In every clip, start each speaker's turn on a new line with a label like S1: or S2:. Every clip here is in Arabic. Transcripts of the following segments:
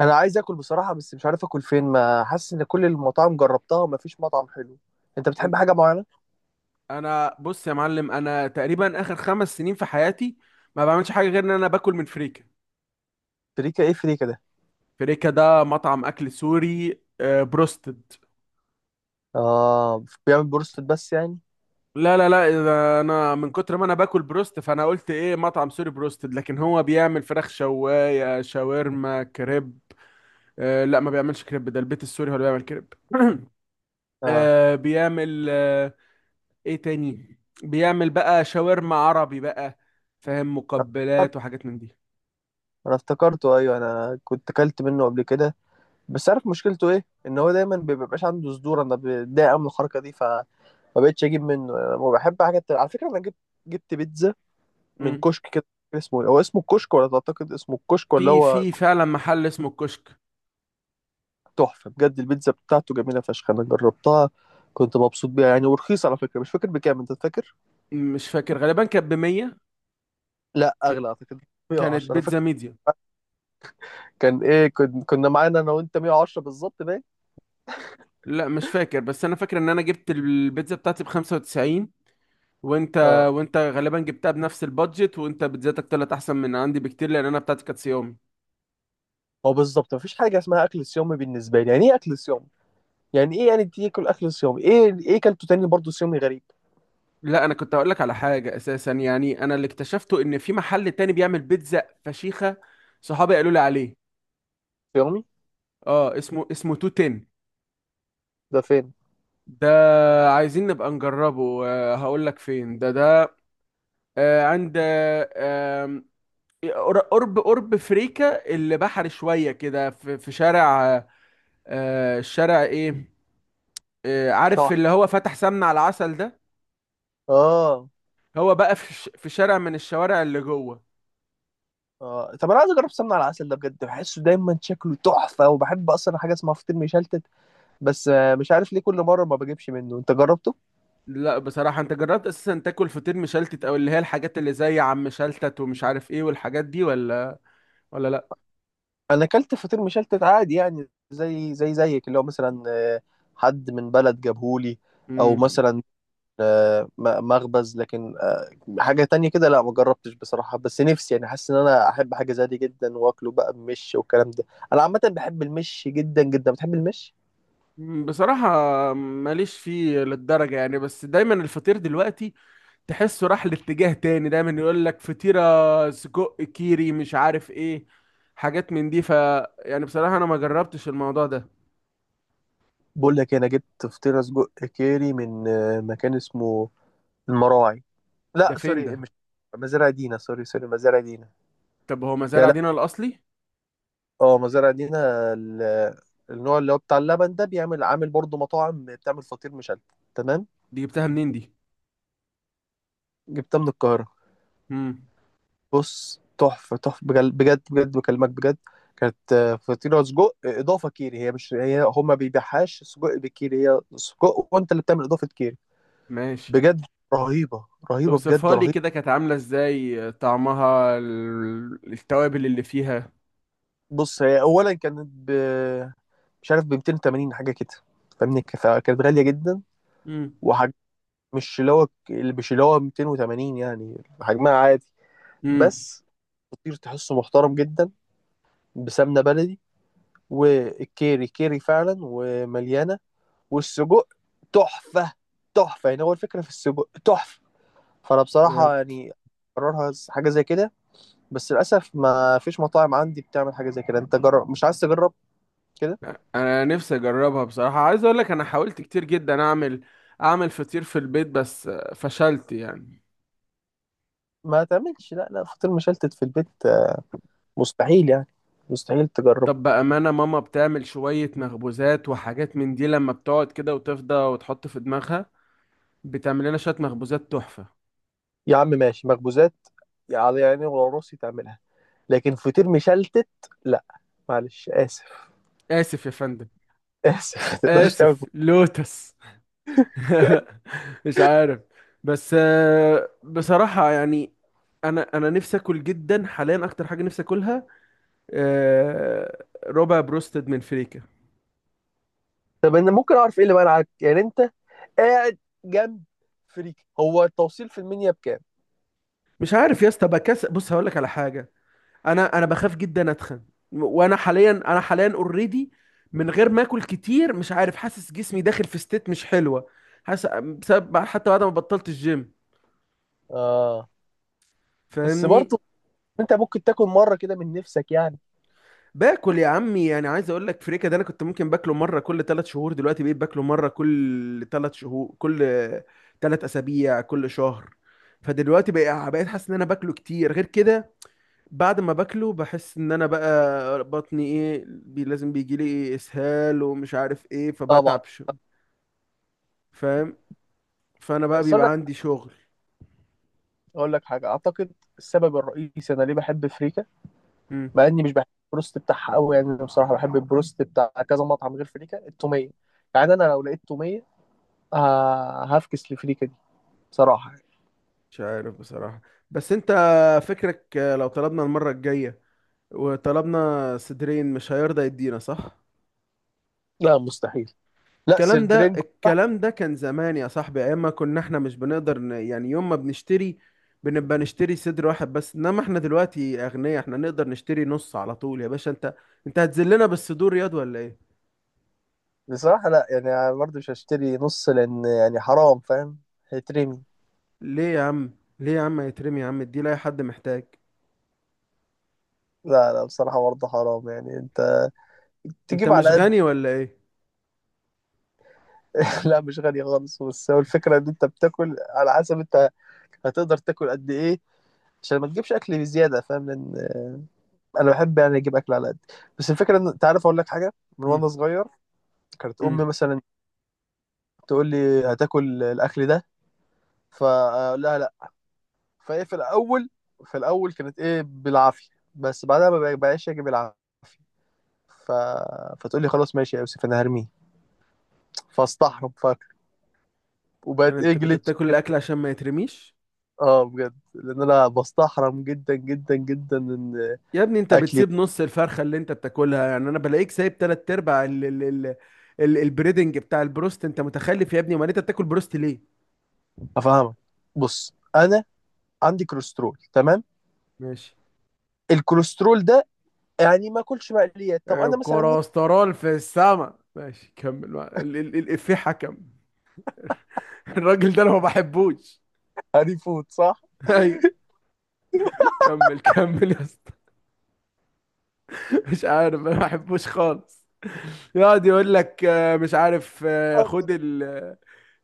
S1: انا عايز اكل بصراحه، بس مش عارف اكل فين، ما حاسس ان كل المطاعم جربتها وما فيش مطعم حلو. انت
S2: إن-
S1: بتحب حاجه معينه؟
S2: انا بص يا معلم، انا تقريبا اخر 5 سنين في حياتي ما بعملش حاجه غير ان انا باكل من فريكه.
S1: فريكا؟ ايه فريكا ده؟
S2: فريكه ده مطعم اكل سوري، بروستد.
S1: اه، بيعمل بروستد بس يعني.
S2: لا، لا، لا، إذا انا من كتر ما انا باكل بروست فانا قلت ايه مطعم سوري بروستد، لكن هو بيعمل فراخ شوايه شاورما كريب. لا، ما بيعملش كريب، ده البيت السوري هو اللي بيعمل كريب.
S1: اه،
S2: بيعمل، ايه تاني بيعمل بقى؟ شاورما عربي بقى. فاهم؟
S1: انا افتكرت-
S2: مقبلات وحاجات من
S1: أنا افتكرته، ايوه انا كنت اكلت منه قبل كده. بس عارف مشكلته ايه؟ ان هو دايما ما بيبقاش عنده صدور، انا بتضايق أوي من الحركه دي فما بقتش اجيب منه. أنا بحب حاجه تانية. على فكره انا جبت بيتزا
S2: دي.
S1: من كشك كده. اسمه إيه؟ هو اسمه الكشك ولا تعتقد اسمه الكشك ولا
S2: في
S1: هو؟
S2: في فعلا محل اسمه الكشك.
S1: تحفة بجد، البيتزا بتاعته جميلة فشخ، أنا جربتها. كنت مبسوط بيها يعني، ورخيصة على فكرة. مش فاكر بكام، أنت فاكر؟
S2: مش فاكر، غالبا كانت ب 100.
S1: لا،
S2: ك-
S1: أغلى أعتقد.
S2: كانت
S1: 110 أنا فاكر.
S2: بيتزا ميديا.
S1: كان إيه كنا معانا أنا وأنت 110 بالظبط باين؟
S2: لا، مش فاكر، بس انا فاكر ان انا جبت البيتزا بتاعتي ب 95. وانت،
S1: أه.
S2: وانت غالبا جبتها بنفس البادجت، وانت بيتزاتك طلعت احسن من عندي بكتير لان انا بتاعتي كانت صيامي.
S1: هو بالظبط مفيش حاجة اسمها أكل صيامي بالنسبة لي. يعني إيه أكل صيامي؟ يعني إيه يعني تاكل أكل صيامي؟ إيه؟ إيه كلته تاني برضه صيامي غريب؟
S2: لا، انا كنت هقول لك على حاجه اساسا، يعني انا اللي اكتشفته ان في محل تاني بيعمل بيتزا فشيخه صحابي قالوا لي عليه.
S1: صيامي؟
S2: اه، اسمه 210
S1: ده فين؟
S2: ده. عايزين نبقى نجربه. هقول لك فين ده. عند قرب فريكا، اللي بحري شويه كده، في شارع، الشارع ايه، عارف
S1: طبعا.
S2: اللي هو فتح سمنة على العسل ده.
S1: آه.
S2: هو بقى في شارع من الشوارع اللي جوه.
S1: طب أنا عايز أجرب سمنة على العسل ده بجد، بحسه دايما شكله تحفة وبحب أصلا حاجة اسمها فطير مشلتت. بس مش عارف ليه كل مرة ما بجيبش منه. أنت جربته؟
S2: لا، بصراحة انت جربت اساسا تاكل فطير مشلتت، او اللي هي الحاجات اللي زي عم شلتت ومش عارف ايه والحاجات دي، ولا لا.
S1: انا اكلت فطير مشلتت عادي يعني زي زي زيك اللي هو مثلا، حد من بلد جابهولي. او
S2: مم.
S1: مثلا مخبز، لكن حاجة تانية كده. لا، ما جربتش بصراحة، بس نفسي يعني، حاسس ان انا احب حاجة زي دي جدا واكله بقى بمش والكلام ده. انا عامة بحب المش جدا جدا. بتحب المش؟
S2: بصراحة ماليش فيه للدرجة يعني، بس دايما الفطير دلوقتي تحسه راح لاتجاه تاني، دايما يقول لك فطيرة سجق كيري مش عارف ايه، حاجات من دي. ف يعني بصراحة انا ما جربتش الموضوع ده.
S1: بقول لك إيه، انا جبت فطيرة سجق كيري من مكان اسمه المراعي. لا
S2: ده فين
S1: سوري،
S2: ده؟
S1: مش مزارع دينا، سوري سوري، مزارع دينا.
S2: طب هو مزارع
S1: يا.
S2: دينا الاصلي؟
S1: اه مزارع دينا. ال- النوع اللي هو بتاع اللبن ده بيعمل عامل برضه مطاعم بتعمل فطير مشلتت. تمام.
S2: دي جبتها منين دي؟
S1: جبتها من القاهرة.
S2: امم.
S1: بص، تحفة تحفة بجد بجد بكلمك بجد. كانت فطيرة سجق إضافة كيري، هي مش هي، هما بيبيعهاش سجق بكيري، هي سجق وأنت اللي بتعمل إضافة كيري.
S2: ماشي.
S1: بجد رهيبة، رهيبة بجد
S2: اوصفها لي
S1: رهيبة.
S2: كده، كانت عاملة ازاي؟ طعمها، التوابل اللي فيها؟
S1: بص هي أولا كانت مش عارف ب 280 حاجة كده فاهمني، فكانت غالية جدا.
S2: امم.
S1: وح... مش اللي هو اللي مش اللي هو 280 يعني حجمها عادي
S2: امم.
S1: بس. فطير تحسه محترم جدا، بسمنه بلدي، والكيري كيري فعلا ومليانه، والسجق تحفه، تحفه يعني، هو الفكره في السجق تحفه، فانا بصراحه
S2: بجد.
S1: يعني، قررها حاجه زي كده. بس للاسف ما فيش مطاعم عندي بتعمل حاجه زي كده. انت جرب، مش عايز تجرب كده؟
S2: انا نفسي اجربها بصراحة، عايز اقول لك انا حاولت كتير جدا اعمل فطير في البيت بس فشلت يعني.
S1: ما تعملش، لا لا، فطير مشلتت في البيت مستحيل يعني، مستحيل تجرب.
S2: طب بأمانة، ماما بتعمل شوية مخبوزات وحاجات من دي لما بتقعد كده وتفضى وتحط في دماغها، بتعمل لنا شوية مخبوزات تحفة.
S1: يا عم ماشي، مخبوزات يعني، على يعني ولا راسي تعملها، لكن فطير مشلتت لا، معلش، اسف.
S2: آسف يا فندم.
S1: اسف، ما تقدرش تعمل
S2: آسف
S1: فطير.
S2: لوتس. مش عارف. بس بصراحة يعني، أنا نفسي أكل جدا حاليا. أكتر حاجة نفسي أكلها ربع بروستد من فريكة.
S1: طب انا ممكن اعرف ايه اللي منعك يعني؟ انت قاعد جنب فريك، هو التوصيل في المنيا بكام؟
S2: مش عارف يا اسطى، بكسل. بص هقول لك على حاجة، انا بخاف جدا اتخن. وانا حاليا اوريدي من غير ما اكل كتير، مش عارف، حاسس جسمي داخل في ستيت مش حلوه، حاسس بسبب حتى بعد ما بطلت الجيم،
S1: اه. بس
S2: فاهمني؟
S1: برضه انت ممكن تاكل مره كده من نفسك يعني.
S2: باكل يا عمي، يعني عايز اقول لك فريكه ده انا كنت ممكن باكله مره كل 3 شهور، دلوقتي بقيت باكله مره كل ثلاث شهور، كل 3 اسابيع، كل شهر. فدلوقتي بقى بقيت حاسس ان انا باكله كتير غير كده. بعد ما باكله بحس ان انا بقى بطني ايه بي لازم بيجي لي إيه اسهال ومش عارف ايه،
S1: طبعا.
S2: فبتعب، فاهم؟ فانا بقى
S1: بس اقول لك
S2: بيبقى عندي شغل.
S1: اقول لك حاجه، اعتقد السبب الرئيسي انا ليه بحب فريكا،
S2: مم.
S1: مع اني مش بحب البروست بتاعها قوي يعني. انا بصراحه بحب البروست بتاع كذا مطعم غير فريكا، التوميه يعني. انا لو لقيت توميه هفكس لفريكا دي، بصراحه يعني.
S2: مش عارف بصراحة، بس انت فكرك لو طلبنا المرة الجاية وطلبنا صدرين مش هيرضى يدينا، صح؟
S1: لا مستحيل، لا
S2: الكلام ده
S1: سردرين.
S2: الكلام ده كان زمان يا صاحبي، ايام ما كنا احنا مش بنقدر يعني يوم ما بنشتري بنبقى نشتري صدر واحد بس، انما احنا دلوقتي اغنياء، احنا نقدر نشتري نص على طول يا باشا. انت هتذلنا بالصدور ياض ولا ايه؟
S1: بصراحة لا يعني، أنا برضه مش هشتري نص لأن يعني حرام فاهم، هيترمي.
S2: ليه يا عم، ليه يا عم يترمي يا عم؟ دي لاي حد محتاج.
S1: لا لا، بصراحة برضه حرام يعني، أنت
S2: انت
S1: تجيب
S2: مش
S1: على قد.
S2: غني ولا ايه؟
S1: لا مش غالي خالص، بس هو الفكرة إن أنت بتاكل على حسب أنت هتقدر تاكل قد إيه، عشان ما تجيبش أكل بزيادة فاهم، لأن أنا بحب يعني أجيب أكل على قد. بس الفكرة إن أنت عارف، أقول لك حاجة. من وأنا
S2: امم.
S1: صغير كانت أمي
S2: امم.
S1: مثلا تقول لي هتاكل الأكل ده، فأقول لها لا. فإيه، في الأول كانت إيه بالعافية، بس بعدها ما بقاش أجيب العافية. ف... فتقول لي خلاص ماشي يا يوسف، انا هرميه. فاستحرم فاكر،
S2: يعني
S1: وبقت ايه
S2: انت كنت
S1: جلتش
S2: بتاكل
S1: كده.
S2: الاكل عشان ما يترميش؟
S1: اه بجد، لان انا بستحرم جدا جدا جدا ان
S2: يا ابني انت
S1: اكلي.
S2: بتسيب نص الفرخه اللي انت بتاكلها، يعني انا بلاقيك سايب تلات ارباع ال البريدنج بتاع البروست. انت متخلف يا ابني، امال انت بتاكل بروست ليه؟
S1: افهمك. بص انا عندي كوليسترول تمام.
S2: ماشي.
S1: الكوليسترول ده، يعني ما اكلش مقليات. طب انا مثلا نفسي.
S2: كوليسترول في السما، ماشي كمل بقى. ال ال الافيه حكم. الراجل ده انا ما بحبوش.
S1: هاري فود، صح؟
S2: ايوه. كمل كمل يا اسطى. مش عارف، انا ما بحبوش خالص. يقعد يقول لك مش عارف،
S1: اصلا.
S2: خد ال،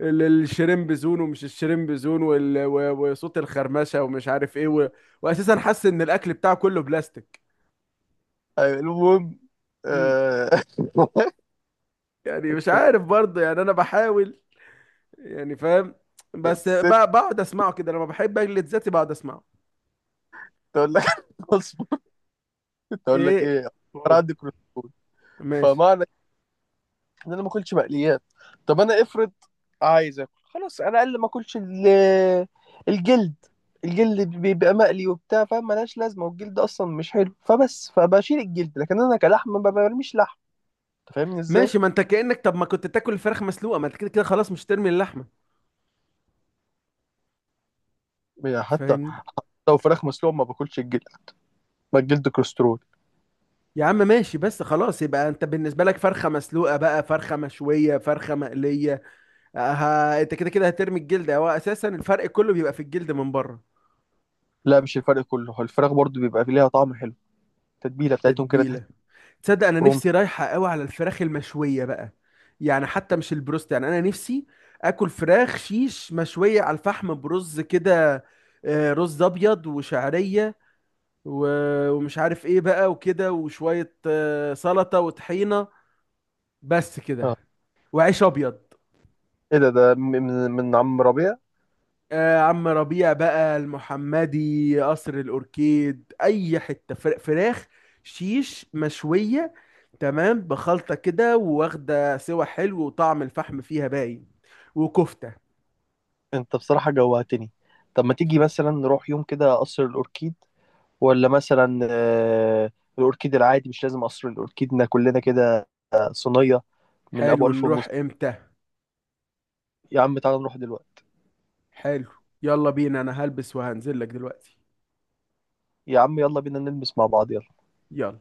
S2: الشريمب زون ومش الشريمب زون، وصوت الخرمشة ومش عارف ايه واساسا حاسس ان الاكل بتاعه كله بلاستيك.
S1: أيوة، المهم.
S2: مم.
S1: آه،
S2: يعني مش عارف برضه، يعني انا بحاول يعني، فاهم. بس
S1: الست
S2: بقعد اسمعه كده، لما بحب اجلد ذاتي بقعد اسمعه.
S1: تقول لك، اصبر. تقول لك
S2: ايه؟
S1: ايه؟ انا
S2: قول.
S1: عندي كوليسترول،
S2: ماشي.
S1: فمعنى ان انا ما اكلش مقليات. طب انا افرض عايز اكل خلاص، انا اقل ما اكلش الجلد. الجلد بيبقى مقلي وبتاع فاهم، ملهاش لازمه، والجلد اصلا مش حلو فبس، فبشيل الجلد، لكن انا كلحم ما برميش لحم. انت فاهمني ازاي؟
S2: ماشي، ما انت كأنك، طب ما كنت تاكل الفراخ مسلوقة، ما انت كده كده خلاص مش ترمي اللحمة،
S1: يعني حتى
S2: فاهمني؟
S1: لو فراخ مسلوقه ما باكلش الجلد، ما الجلد كوليسترول.
S2: يا عم ماشي، بس خلاص يبقى انت بالنسبه لك فرخه مسلوقه بقى، فرخه مشويه، فرخه مقليه، ها انت كده كده هترمي الجلد، هو اساسا الفرق كله بيبقى في الجلد من بره.
S1: لا مش الفرق كله، هو الفراخ برضو بيبقى ليها طعم حلو، التتبيله بتاعتهم كده تحس.
S2: تتبيله. تصدق انا
S1: روم.
S2: نفسي رايحه قوي على الفراخ المشويه بقى، يعني حتى مش البروست، يعني انا نفسي اكل فراخ شيش مشويه على الفحم، برز كده، رز ابيض وشعريه، ومش عارف ايه بقى، وكده، وشويه سلطه وطحينه، بس كده،
S1: اه،
S2: وعيش ابيض.
S1: ايه ده، ده من عم ربيع.
S2: عم ربيع بقى، المحمدي، قصر الأوركيد، أي حتة، فراخ شيش مشوية تمام بخلطة كده واخدة سوا حلو، وطعم الفحم فيها باين، وكفتة.
S1: انت بصراحه جوعتني. طب ما تيجي مثلا نروح يوم كده قصر الاوركيد، ولا مثلا الأوركيد العادي، مش لازم قصر الأوركيدنا كلنا كده، صينية. من أبو
S2: حلو،
S1: ألف
S2: نروح
S1: ونص
S2: امتى؟
S1: يا عم تعالى نروح دلوقتي.
S2: حلو. يلا بينا، انا هلبس وهنزل لك دلوقتي.
S1: يا عم يلا بينا نلمس مع بعض يلا.
S2: يلا.